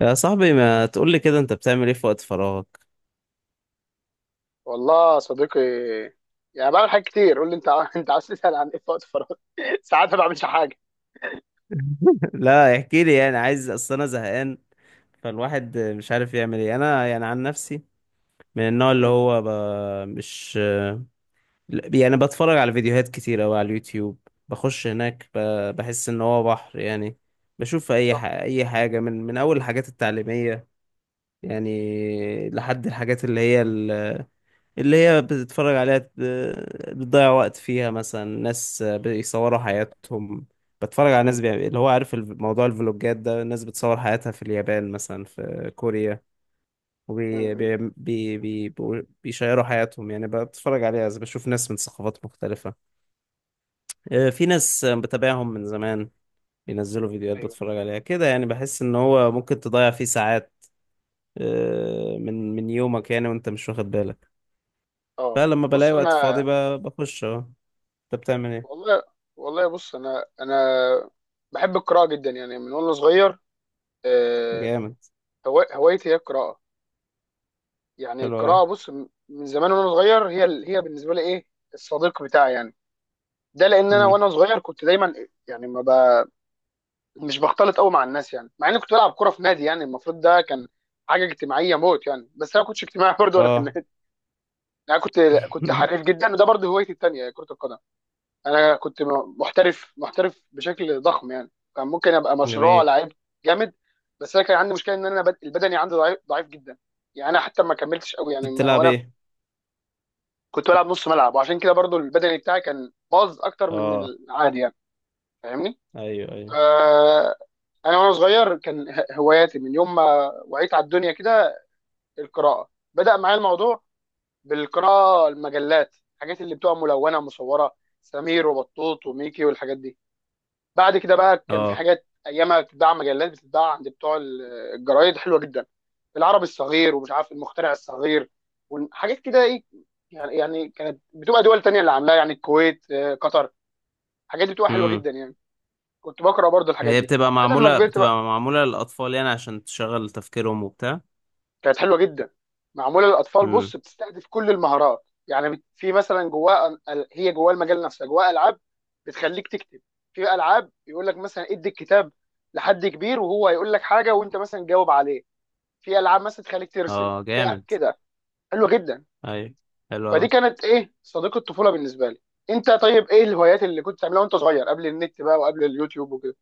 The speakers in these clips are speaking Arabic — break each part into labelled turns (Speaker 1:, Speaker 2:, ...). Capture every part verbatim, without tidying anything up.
Speaker 1: يا صاحبي، ما تقول لي كده انت بتعمل ايه في وقت فراغك؟
Speaker 2: والله يا صديقي، يعني بعمل حاجات كتير. قول لي انت عا- انت عايز تسال عن ايه في وقت فراغ؟ ساعات ما بعملش حاجه.
Speaker 1: لا احكي لي، يعني عايز. اصل انا زهقان، فالواحد مش عارف يعمل ايه. انا يعني عن نفسي من النوع اللي
Speaker 2: امم.
Speaker 1: هو ب... مش لا، يعني بتفرج على فيديوهات كتير قوي على اليوتيوب. بخش هناك ب... بحس ان هو بحر يعني. بشوف اي ح...
Speaker 2: صح.
Speaker 1: اي حاجة من من اول الحاجات التعليمية يعني لحد الحاجات اللي هي اللي هي بتتفرج عليها ت- بتضيع وقت فيها. مثلا ناس بيصوروا حياتهم، بتفرج على
Speaker 2: امم.
Speaker 1: ناس بيعمل اللي هو عارف الف- موضوع الفلوجات ده. الناس بتصور حياتها في اليابان مثلا، في كوريا، وبي
Speaker 2: امم.
Speaker 1: بي بي بي بيقول- بيشيروا حياتهم، يعني بتفرج عليها بشوف ناس من ثقافات مختلفة. آه، في ناس بتابعهم من زمان بينزلوا فيديوهات
Speaker 2: ايوه.
Speaker 1: بتفرج عليها كده، يعني بحس ان هو ممكن تضيع فيه ساعات. آه، من من يومك يعني وانت مش واخد بالك.
Speaker 2: اه،
Speaker 1: فلما بلاقي
Speaker 2: بص انا.
Speaker 1: وقت فاضي ب- بخش اهو. انت بتعمل ايه؟
Speaker 2: والله، والله بص انا انا بحب القراءه جدا يعني من وانا صغير. آه،
Speaker 1: جامد.
Speaker 2: هوا- هوايتي هي القراءه. يعني
Speaker 1: حلو قوي.
Speaker 2: القراءه، بص، م- من زمان وانا صغير هي ال- هي بالنسبه لي ايه؟ الصديق بتاعي يعني. ده لان انا
Speaker 1: امم.
Speaker 2: وانا صغير كنت دايما يعني ما مش بختلط قوي مع الناس. يعني مع اني كنت بلعب كوره في نادي، يعني المفروض ده كان حاجه اجتماعيه موت يعني، بس انا ما كنتش اجتماعي برضه وانا في
Speaker 1: اه.
Speaker 2: النادي. انا كنت كنت حريف جدا، وده برضه هوايتي التانيه هي كره القدم. انا كنت م- محترف، محترف بشكل ضخم، يعني كان ممكن ابقى مشروع
Speaker 1: جميل.
Speaker 2: لعيب. جامد. بس انا كان عندي مشكله ان انا بد- البدني عندي ضعيف، ضعيف جدا. يعني انا حتى ما كملتش قوي يعني
Speaker 1: كنت
Speaker 2: ما-
Speaker 1: بتلعب
Speaker 2: وانا في-
Speaker 1: ايه؟
Speaker 2: كنت بلعب نص ملعب، وعشان كده برضه البدني بتاعي كان باظ اكتر من
Speaker 1: اه.
Speaker 2: العادي يعني. فاهمني.
Speaker 1: ايوه ايوه.
Speaker 2: آه، انا وانا صغير كان ه- هواياتي من يوم ما وعيت على الدنيا كده القراءه. بدا معايا الموضوع بالقراءه، المجلات، الحاجات اللي بتبقى ملونه مصوره: سمير وبطوط وميكي والحاجات دي. بعد كده بقى كان في
Speaker 1: اه.
Speaker 2: حاجات ايامها بتتباع، مجلات بتتباع عند بتوع ال- الجرايد حلوه جدا: العربي الصغير، ومش عارف، المخترع الصغير، وحاجات كده ايه يعني. يعني كانت بتبقى دول تانية اللي عاملاها، يعني الكويت، آه، قطر. الحاجات دي بتبقى حلوه
Speaker 1: امم.
Speaker 2: جدا يعني. كنت بقرا برضو الحاجات
Speaker 1: هي
Speaker 2: دي
Speaker 1: بتبقى
Speaker 2: بعد ما
Speaker 1: معموله،
Speaker 2: كبرت.
Speaker 1: بتبقى معموله للاطفال يعني عشان تشغل تفكيرهم وبتاع.
Speaker 2: كانت حلوه جدا، معموله للاطفال.
Speaker 1: امم.
Speaker 2: بص، بتستهدف كل المهارات. يعني بت- في مثلا جواه أل- هي جواه المجال نفسه جواه العاب بتخليك تكتب، في العاب يقول لك مثلا ادي الكتاب لحد كبير وهو هيقول لك حاجه وانت مثلا جاوب عليه، في العاب مثلا تخليك ترسم
Speaker 1: اه
Speaker 2: في أ-
Speaker 1: جامد.
Speaker 2: كده. حلوه جدا.
Speaker 1: ايوه. حلو
Speaker 2: فدي
Speaker 1: قوي.
Speaker 2: كانت ايه، صديق الطفوله بالنسبه لي. انت طيب، ايه الهوايات اللي كنت بتعملها وانت صغير قبل النت بقى وقبل اليوتيوب وكده؟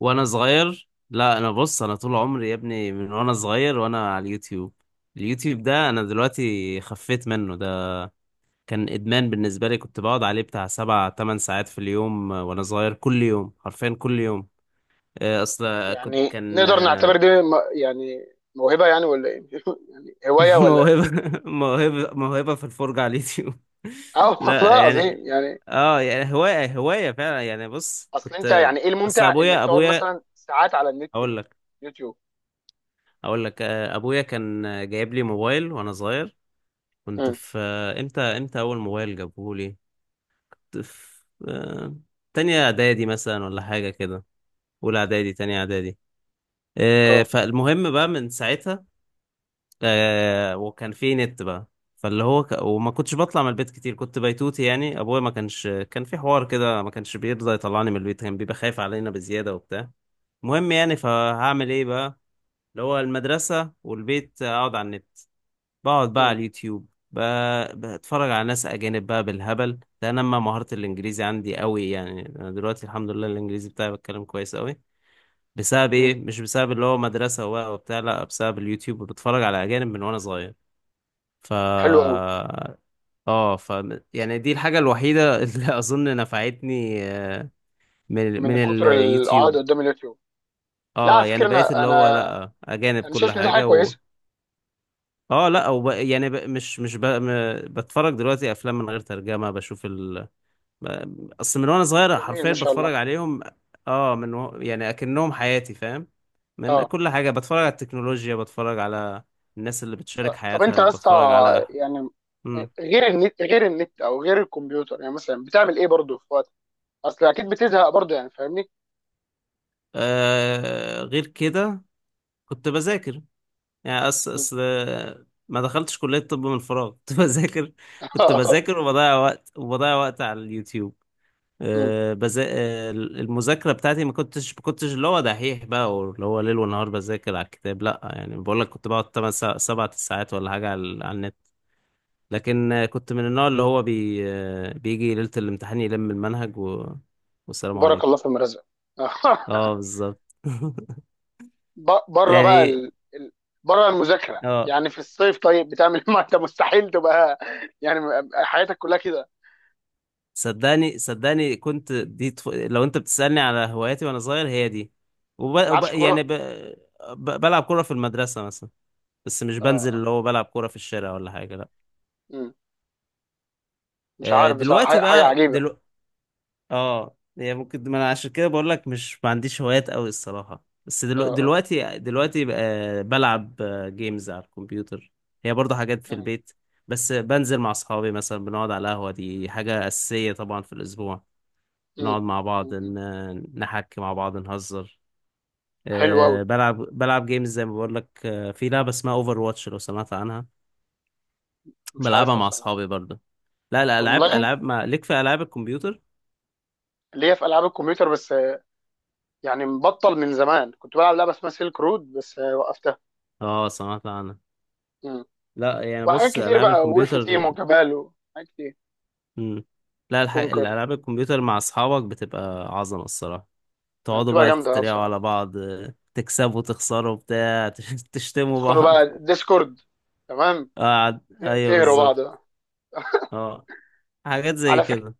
Speaker 1: وانا صغير؟ لا انا بص، انا طول عمري يا ابني من وانا صغير وانا على اليوتيوب. اليوتيوب ده انا دلوقتي خفيت منه. ده كان ادمان بالنسبه لي، كنت بقعد عليه بتاع سبع تمن ساعات في اليوم. آه، وانا صغير كل يوم، حرفيا كل يوم. آه، اصل كنت،
Speaker 2: يعني
Speaker 1: كان
Speaker 2: نقدر
Speaker 1: آه،
Speaker 2: نعتبر دي م- يعني موهبه يعني، ولا ايه يعني هوايه ولا؟
Speaker 1: موهبة موهبة موهبة في الفرجة على اليوتيوب.
Speaker 2: اه والله
Speaker 1: لا يعني،
Speaker 2: العظيم يعني.
Speaker 1: اه يعني هواية هواية فعلا. يعني بص،
Speaker 2: اصل انت
Speaker 1: كنت.
Speaker 2: يعني، ايه
Speaker 1: اصل
Speaker 2: الممتع انك
Speaker 1: ابويا
Speaker 2: تقعد
Speaker 1: ابويا
Speaker 2: مثلا ساعات على النت؟
Speaker 1: اقول لك،
Speaker 2: يوتيوب.
Speaker 1: اقول لك. آه، ابويا كان جايب لي موبايل وانا صغير. كنت
Speaker 2: امم.
Speaker 1: في آه، امتى امتى اول موبايل جابه لي؟ كنت في آه، تانية اعدادي مثلا، ولا حاجة كده، اولى اعدادي تانية اعدادي. آه،
Speaker 2: اه.
Speaker 1: فالمهم بقى من ساعتها. آه وكان في نت بقى. فاللي هو ك... وما كنتش بطلع من البيت كتير، كنت بيتوتي يعني. ابويا ما كانش، كان في حوار كده، ما كانش بيرضى يطلعني من البيت، كان بيبقى خايف علينا بزيادة وبتاع. المهم يعني، فهعمل ايه بقى؟ اللي هو المدرسة والبيت، اقعد على النت. بقعد بقى على
Speaker 2: امم.
Speaker 1: اليوتيوب ب... بتفرج على ناس اجانب بقى بالهبل. ده نمى مهارة الانجليزي عندي قوي، يعني انا دلوقتي الحمد لله الانجليزي بتاعي بتكلم كويس قوي. بسبب ايه؟
Speaker 2: امم.
Speaker 1: مش بسبب اللي هو مدرسة وبقى وبتاع، لا بسبب اليوتيوب. بتفرج على اجانب من وانا صغير. ف
Speaker 2: حلو قوي.
Speaker 1: اه ف يعني دي الحاجة الوحيدة اللي أظن نفعتني. آه، من من
Speaker 2: من كتر القعاد
Speaker 1: اليوتيوب.
Speaker 2: قدام اليوتيوب؟ لا
Speaker 1: اه
Speaker 2: على
Speaker 1: يعني
Speaker 2: فكره،
Speaker 1: بقيت
Speaker 2: انا
Speaker 1: اللي هو
Speaker 2: انا
Speaker 1: لأ، أجانب
Speaker 2: انا
Speaker 1: كل
Speaker 2: شايف ان دي حاجه
Speaker 1: حاجة. و
Speaker 2: كويسه.
Speaker 1: اه لأ وب... يعني ب... مش مش ب... م... بتفرج دلوقتي أفلام من غير ترجمة، بشوف ال ب- أصل من وأنا صغير
Speaker 2: جميل،
Speaker 1: حرفيا
Speaker 2: ما شاء الله.
Speaker 1: بتفرج عليهم. اه، من و... يعني أكنهم حياتي، فاهم؟ من
Speaker 2: اه.
Speaker 1: كل حاجة. بتفرج على التكنولوجيا، بتفرج على الناس اللي بتشارك
Speaker 2: آه، طب
Speaker 1: حياتها،
Speaker 2: انت يا اسطى،
Speaker 1: بتفرج على.
Speaker 2: يعني
Speaker 1: مم.
Speaker 2: غير النت غير النت او غير الكمبيوتر، يعني مثلا بتعمل ايه برضه في وقت؟ اصل اكيد بتزهق برضه يعني. فاهمني.
Speaker 1: آه غير كده، كنت بذاكر. يعني أص... أصل ما دخلتش كلية طب من فراغ. كنت بذاكر، كنت بذاكر وبضيع وقت وبضيع وقت على اليوتيوب.
Speaker 2: امم.
Speaker 1: أه بزا... آه، المذاكرة بتاعتي ما كنتش ما كنتش اللي هو دحيح بقى واللي هو ليل ونهار بذاكر على الكتاب، لا. يعني بقول لك كنت بقعد تمن سا... سبع ساعات ولا حاجة على, على النت. لكن آه، كنت من النوع اللي هو بي... آه، بيجي ليلة الامتحان يلم المنهج و... والسلام
Speaker 2: بارك
Speaker 1: عليكم.
Speaker 2: الله في المرزق.
Speaker 1: اه بالظبط.
Speaker 2: ب- بره بقى
Speaker 1: يعني
Speaker 2: ال... ال- بره المذاكره
Speaker 1: اه
Speaker 2: يعني في الصيف، طيب بتعمل إيه؟ ما انت مستحيل تبقى يعني م- حياتك كلها كده، ما
Speaker 1: صدقني صدقني كنت دي طف... لو انت بتسألني على هواياتي وانا صغير هي دي. وب... وب...
Speaker 2: تلعبش
Speaker 1: يعني
Speaker 2: كوره؟
Speaker 1: ب... ب... بلعب كورة في المدرسة مثلا، بس مش
Speaker 2: اه.
Speaker 1: بنزل اللي
Speaker 2: اه.
Speaker 1: هو بلعب كورة في الشارع ولا حاجة، لا.
Speaker 2: مم. مش
Speaker 1: آه،
Speaker 2: عارف بصراحه
Speaker 1: دلوقتي
Speaker 2: حاجه حاجة
Speaker 1: بقى
Speaker 2: عجيبه.
Speaker 1: دلو... اه هي ممكن، ما انا عشان كده بقول لك مش ما عنديش هوايات قوي الصراحة. بس دلو...
Speaker 2: اه. اه.
Speaker 1: دلوقتي دلوقتي بقى بلعب جيمز على الكمبيوتر. هي برضه حاجات في
Speaker 2: مم.
Speaker 1: البيت. بس بنزل مع اصحابي مثلا، بنقعد على القهوة، دي حاجة أساسية طبعا في الأسبوع.
Speaker 2: مم.
Speaker 1: نقعد مع بعض،
Speaker 2: مم.
Speaker 1: ن- نحكي مع بعض، نهزر.
Speaker 2: حلو قوي.
Speaker 1: آه، بلعب بلعب جيمز زي ما بقول لك. آه، في لعبة اسمها اوفر واتش، لو سمعت عنها.
Speaker 2: مش
Speaker 1: بلعبها
Speaker 2: عارفها
Speaker 1: مع
Speaker 2: بصراحه.
Speaker 1: اصحابي برضه. لا لا العاب،
Speaker 2: اونلاين؟
Speaker 1: العاب. ما ليك في العاب الكمبيوتر.
Speaker 2: اللي هي في العاب الكمبيوتر بس. آه، يعني مبطل من زمان. كنت بلعب لعبه اسمها سيلك رود بس آه، وقفتها.
Speaker 1: اه سمعت عنها.
Speaker 2: مم.
Speaker 1: لا يعني
Speaker 2: وحاجات
Speaker 1: بص
Speaker 2: كتير
Speaker 1: العاب
Speaker 2: بقى، وولف تيم
Speaker 1: الكمبيوتر.
Speaker 2: وكبال وحاجات كتير،
Speaker 1: مم. لا الح...
Speaker 2: كونكر.
Speaker 1: الالعاب الكمبيوتر مع اصحابك بتبقى عظمة الصراحة.
Speaker 2: آه،
Speaker 1: تقعدوا
Speaker 2: بتبقى
Speaker 1: بقى
Speaker 2: جامده آه،
Speaker 1: تتريقوا على
Speaker 2: بصراحه.
Speaker 1: بعض، آه، تكسبوا تخسروا بتاع، تشتموا
Speaker 2: تدخلوا
Speaker 1: بعض.
Speaker 2: بقى ديسكورد، تمام،
Speaker 1: آه، ايوه
Speaker 2: تهروا
Speaker 1: بالظبط.
Speaker 2: بعض بقى.
Speaker 1: اه، حاجات زي
Speaker 2: على فكره
Speaker 1: كده.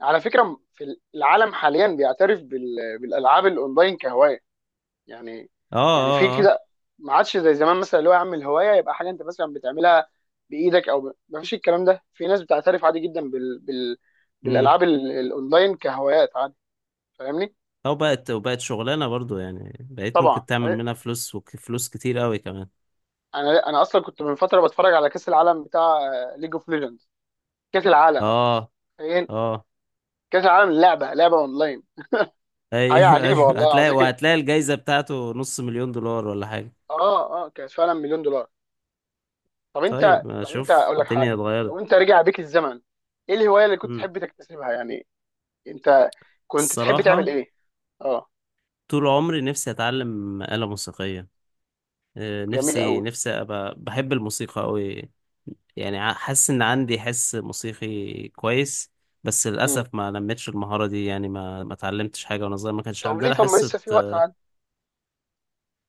Speaker 2: على فكره في العالم حاليا بيعترف بال... بالالعاب الاونلاين كهوايه. يعني
Speaker 1: اه
Speaker 2: يعني في
Speaker 1: اه اه.
Speaker 2: كده، ما عادش زي زمان. مثلا اللي هو يا عم الهوايه يبقى حاجه انت مثلا بتعملها بايدك، او ب... ما فيش الكلام ده، في ناس بتعترف عادي جدا بال... بال...
Speaker 1: مم.
Speaker 2: بالالعاب ال... الاونلاين كهوايات عادي. فاهمني.
Speaker 1: او بقت وبقت شغلانه برضو، يعني بقيت ممكن
Speaker 2: طبعا
Speaker 1: تعمل
Speaker 2: إيه.
Speaker 1: منها فلوس وفلوس كتير قوي كمان.
Speaker 2: انا انا اصلا كنت من فتره بتفرج على كاس العالم بتاع ليج اوف ليجندز. كاس العالم
Speaker 1: اه
Speaker 2: فين؟
Speaker 1: اه
Speaker 2: كاس العالم لعبه لعبه اونلاين. حاجه
Speaker 1: ايوه.
Speaker 2: عجيبه
Speaker 1: ايوه
Speaker 2: والله
Speaker 1: هتلاقي،
Speaker 2: العظيم.
Speaker 1: وهتلاقي الجايزه بتاعته نص مليون دولار ولا حاجه.
Speaker 2: اه. اه. كانت فعلا مليون دولار. طب انت
Speaker 1: طيب، ما
Speaker 2: طب انت
Speaker 1: اشوف
Speaker 2: اقول لك
Speaker 1: الدنيا
Speaker 2: حاجه، لو
Speaker 1: اتغيرت.
Speaker 2: انت رجع بيك الزمن، ايه الهوايه اللي كنت
Speaker 1: مم.
Speaker 2: تحب تكتسبها يعني؟ انت كنت تحب تعمل
Speaker 1: الصراحه
Speaker 2: ايه؟ اه.
Speaker 1: طول عمري نفسي اتعلم آلة موسيقيه. آه،
Speaker 2: جميل
Speaker 1: نفسي
Speaker 2: قوي.
Speaker 1: نفسي ابقى، بحب الموسيقى قوي، يعني ع- حاسس ان عندي حس موسيقي كويس. بس
Speaker 2: امم.
Speaker 1: للاسف ما نمتش المهاره دي، يعني ما ما اتعلمتش حاجه وانا صغير، ما كانش
Speaker 2: طب ليه؟
Speaker 1: عندنا
Speaker 2: طب ما
Speaker 1: حصه.
Speaker 2: لسه في وقت، عاد.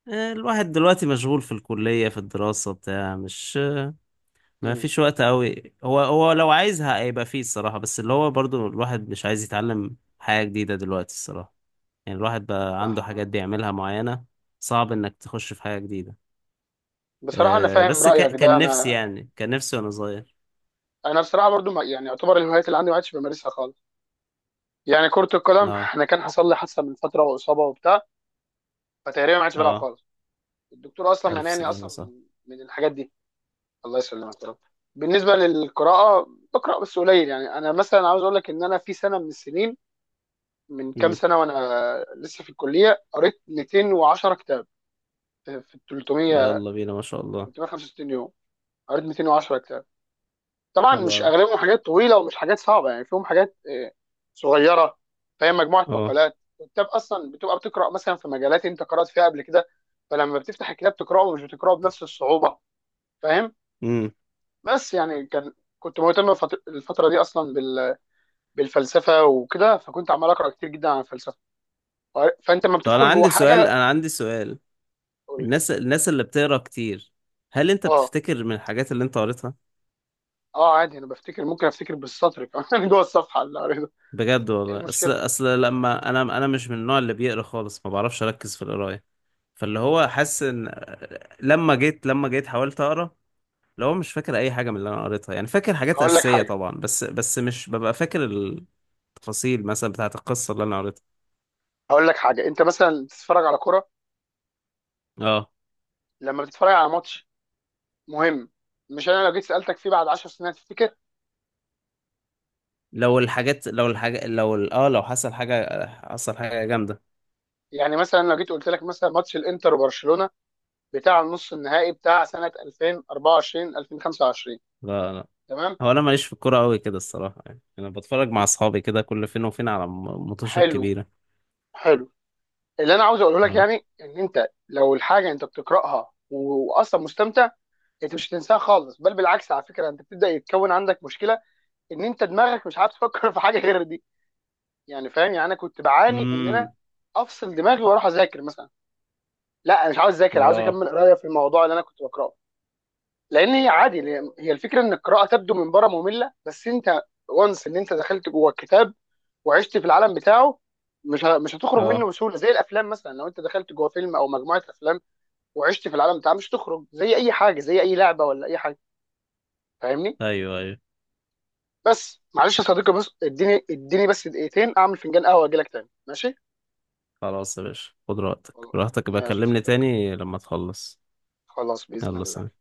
Speaker 1: آه، الواحد دلوقتي مشغول في الكلية في الدراسة بتاع، مش ما
Speaker 2: امم.
Speaker 1: فيش وقت قوي. هو هو لو عايزها هيبقى فيه الصراحة، بس اللي هو برضو الواحد مش عايز يتعلم حاجة جديدة دلوقتي الصراحة. يعني الواحد بقى عنده
Speaker 2: صح.
Speaker 1: حاجات
Speaker 2: آه.
Speaker 1: بيعملها معينة، صعب انك تخش في حاجة جديدة.
Speaker 2: بصراحه انا
Speaker 1: أه
Speaker 2: فاهم
Speaker 1: بس ك...
Speaker 2: رايك ده.
Speaker 1: كان نفسي
Speaker 2: انا،
Speaker 1: يعني، كان نفسي وانا صغير.
Speaker 2: انا بصراحه برضو ما يعني، يعتبر الهوايات اللي عندي ما عادش بمارسها خالص. يعني كره القدم
Speaker 1: اه.
Speaker 2: انا كان حصل لي حادثه من فتره واصابه وبتاع، فتقريبا ما عادش بلعب
Speaker 1: اه.
Speaker 2: خالص. الدكتور اصلا
Speaker 1: ألف
Speaker 2: منعني
Speaker 1: سلامة.
Speaker 2: اصلا
Speaker 1: صح.
Speaker 2: من من الحاجات دي. الله يسلمك يا رب. بالنسبه للقراءه، بقرا بس قليل. يعني انا مثلا عاوز اقول لك ان انا في سنه من السنين، من كام
Speaker 1: مم.
Speaker 2: سنه وانا لسه في الكليه، قريت 210 كتاب في ال تلتمية
Speaker 1: يلا بينا، ما شاء الله.
Speaker 2: تلتمية وخمسة وستين يوم. قريت 210 كتاب. طبعا
Speaker 1: حلو
Speaker 2: مش
Speaker 1: أوي.
Speaker 2: اغلبهم حاجات طويله ومش حاجات صعبه، يعني فيهم حاجات آه، صغيره. فهي مجموعه
Speaker 1: اه.
Speaker 2: مقالات، والكتاب اصلا بتبقى بتقرا مثلا في مجالات انت قرات فيها قبل كده، فلما بتفتح الكتاب تقراه مش بتقراه بنفس الصعوبه. فاهم.
Speaker 1: مم.
Speaker 2: بس يعني كان، كنت مهتم الفت- الفتره دي اصلا بال بالفلسفه وكده، فكنت عمال اقرا كتير جدا عن الفلسفه. فانت لما
Speaker 1: طب انا
Speaker 2: بتدخل جوه
Speaker 1: عندي سؤال،
Speaker 2: حاجه.
Speaker 1: انا عندي سؤال.
Speaker 2: قول لي.
Speaker 1: الناس الناس اللي بتقرا كتير، هل انت
Speaker 2: اه.
Speaker 1: بتفتكر من الحاجات اللي انت قريتها؟
Speaker 2: اه عادي، انا بفتكر، ممكن افتكر بالسطر كمان جوه الصفحه اللي قريتها.
Speaker 1: بجد
Speaker 2: ايه
Speaker 1: والله، اصل
Speaker 2: المشكله؟
Speaker 1: اصل لما انا انا مش من النوع اللي بيقرا خالص، ما بعرفش اركز في القرايه. فاللي هو حاسس ان، لما جيت لما جيت حاولت اقرا، اللي هو مش فاكر اي حاجه من اللي انا قريتها. يعني فاكر حاجات
Speaker 2: هقول لك
Speaker 1: اساسيه
Speaker 2: حاجه
Speaker 1: طبعا، بس بس مش ببقى فاكر التفاصيل مثلا بتاعه القصه اللي انا قريتها.
Speaker 2: هقول لك حاجه انت مثلا بتتفرج على كوره.
Speaker 1: اه،
Speaker 2: لما بتتفرج على ماتش مهم، مش انا لو جيت سالتك فيه بعد 10 سنين هتفتكر؟
Speaker 1: لو الحاجات لو الحاجه لو ال- اه لو حصل حاجه، حصل حاجه جامده.
Speaker 2: يعني مثلا لو جيت قلت لك مثلا ماتش الانتر وبرشلونه بتاع النص النهائي بتاع سنه ألفين وأربعة وعشرين ألفين وخمسة وعشرين،
Speaker 1: لا لا،
Speaker 2: تمام؟
Speaker 1: هو انا ماليش في الكوره قوي كده الصراحه. يعني انا بتفرج مع اصحابي كده كل فين وفين على م- ماتشات
Speaker 2: حلو.
Speaker 1: كبيره.
Speaker 2: حلو. اللي انا عاوز اقوله لك
Speaker 1: اه.
Speaker 2: يعني ان انت لو الحاجه انت بتقراها و- واصلا مستمتع، انت مش هتنساها خالص. بل بالعكس، على فكره، انت بتبدا يتكون عندك مشكله ان انت دماغك مش عارف تفكر في حاجه غير دي. يعني فاهم، يعني انا كنت بعاني ان انا
Speaker 1: امم.
Speaker 2: افصل دماغي واروح اذاكر مثلا. لا، انا مش عاوز اذاكر، عاوز
Speaker 1: اه.
Speaker 2: اكمل قرايه في الموضوع اللي انا كنت بقراه. لان هي عادي، هي هي الفكره ان القراءه تبدو من بره ممله، بس انت وانس ان انت دخلت جوه الكتاب وعشت في العالم بتاعه مش ه- مش هتخرج منه
Speaker 1: اه.
Speaker 2: بسهوله. زي الافلام مثلا لو انت دخلت جوه فيلم او مجموعه افلام وعشت في العالم بتاعها مش هتخرج. زي اي حاجه، زي اي لعبه ولا اي حاجه. فاهمني.
Speaker 1: ايوه ايوه.
Speaker 2: بس معلش يا صديقي، بس اديني، اديني بس دقيقتين، اعمل فنجان قهوه واجي لك تاني، ماشي؟
Speaker 1: خلاص يا باشا، خد راحتك،
Speaker 2: خلاص
Speaker 1: براحتك بقى
Speaker 2: ماشي يا
Speaker 1: كلمني
Speaker 2: صديقي،
Speaker 1: تاني لما تخلص.
Speaker 2: خلاص باذن
Speaker 1: يلا
Speaker 2: الله.
Speaker 1: سلام.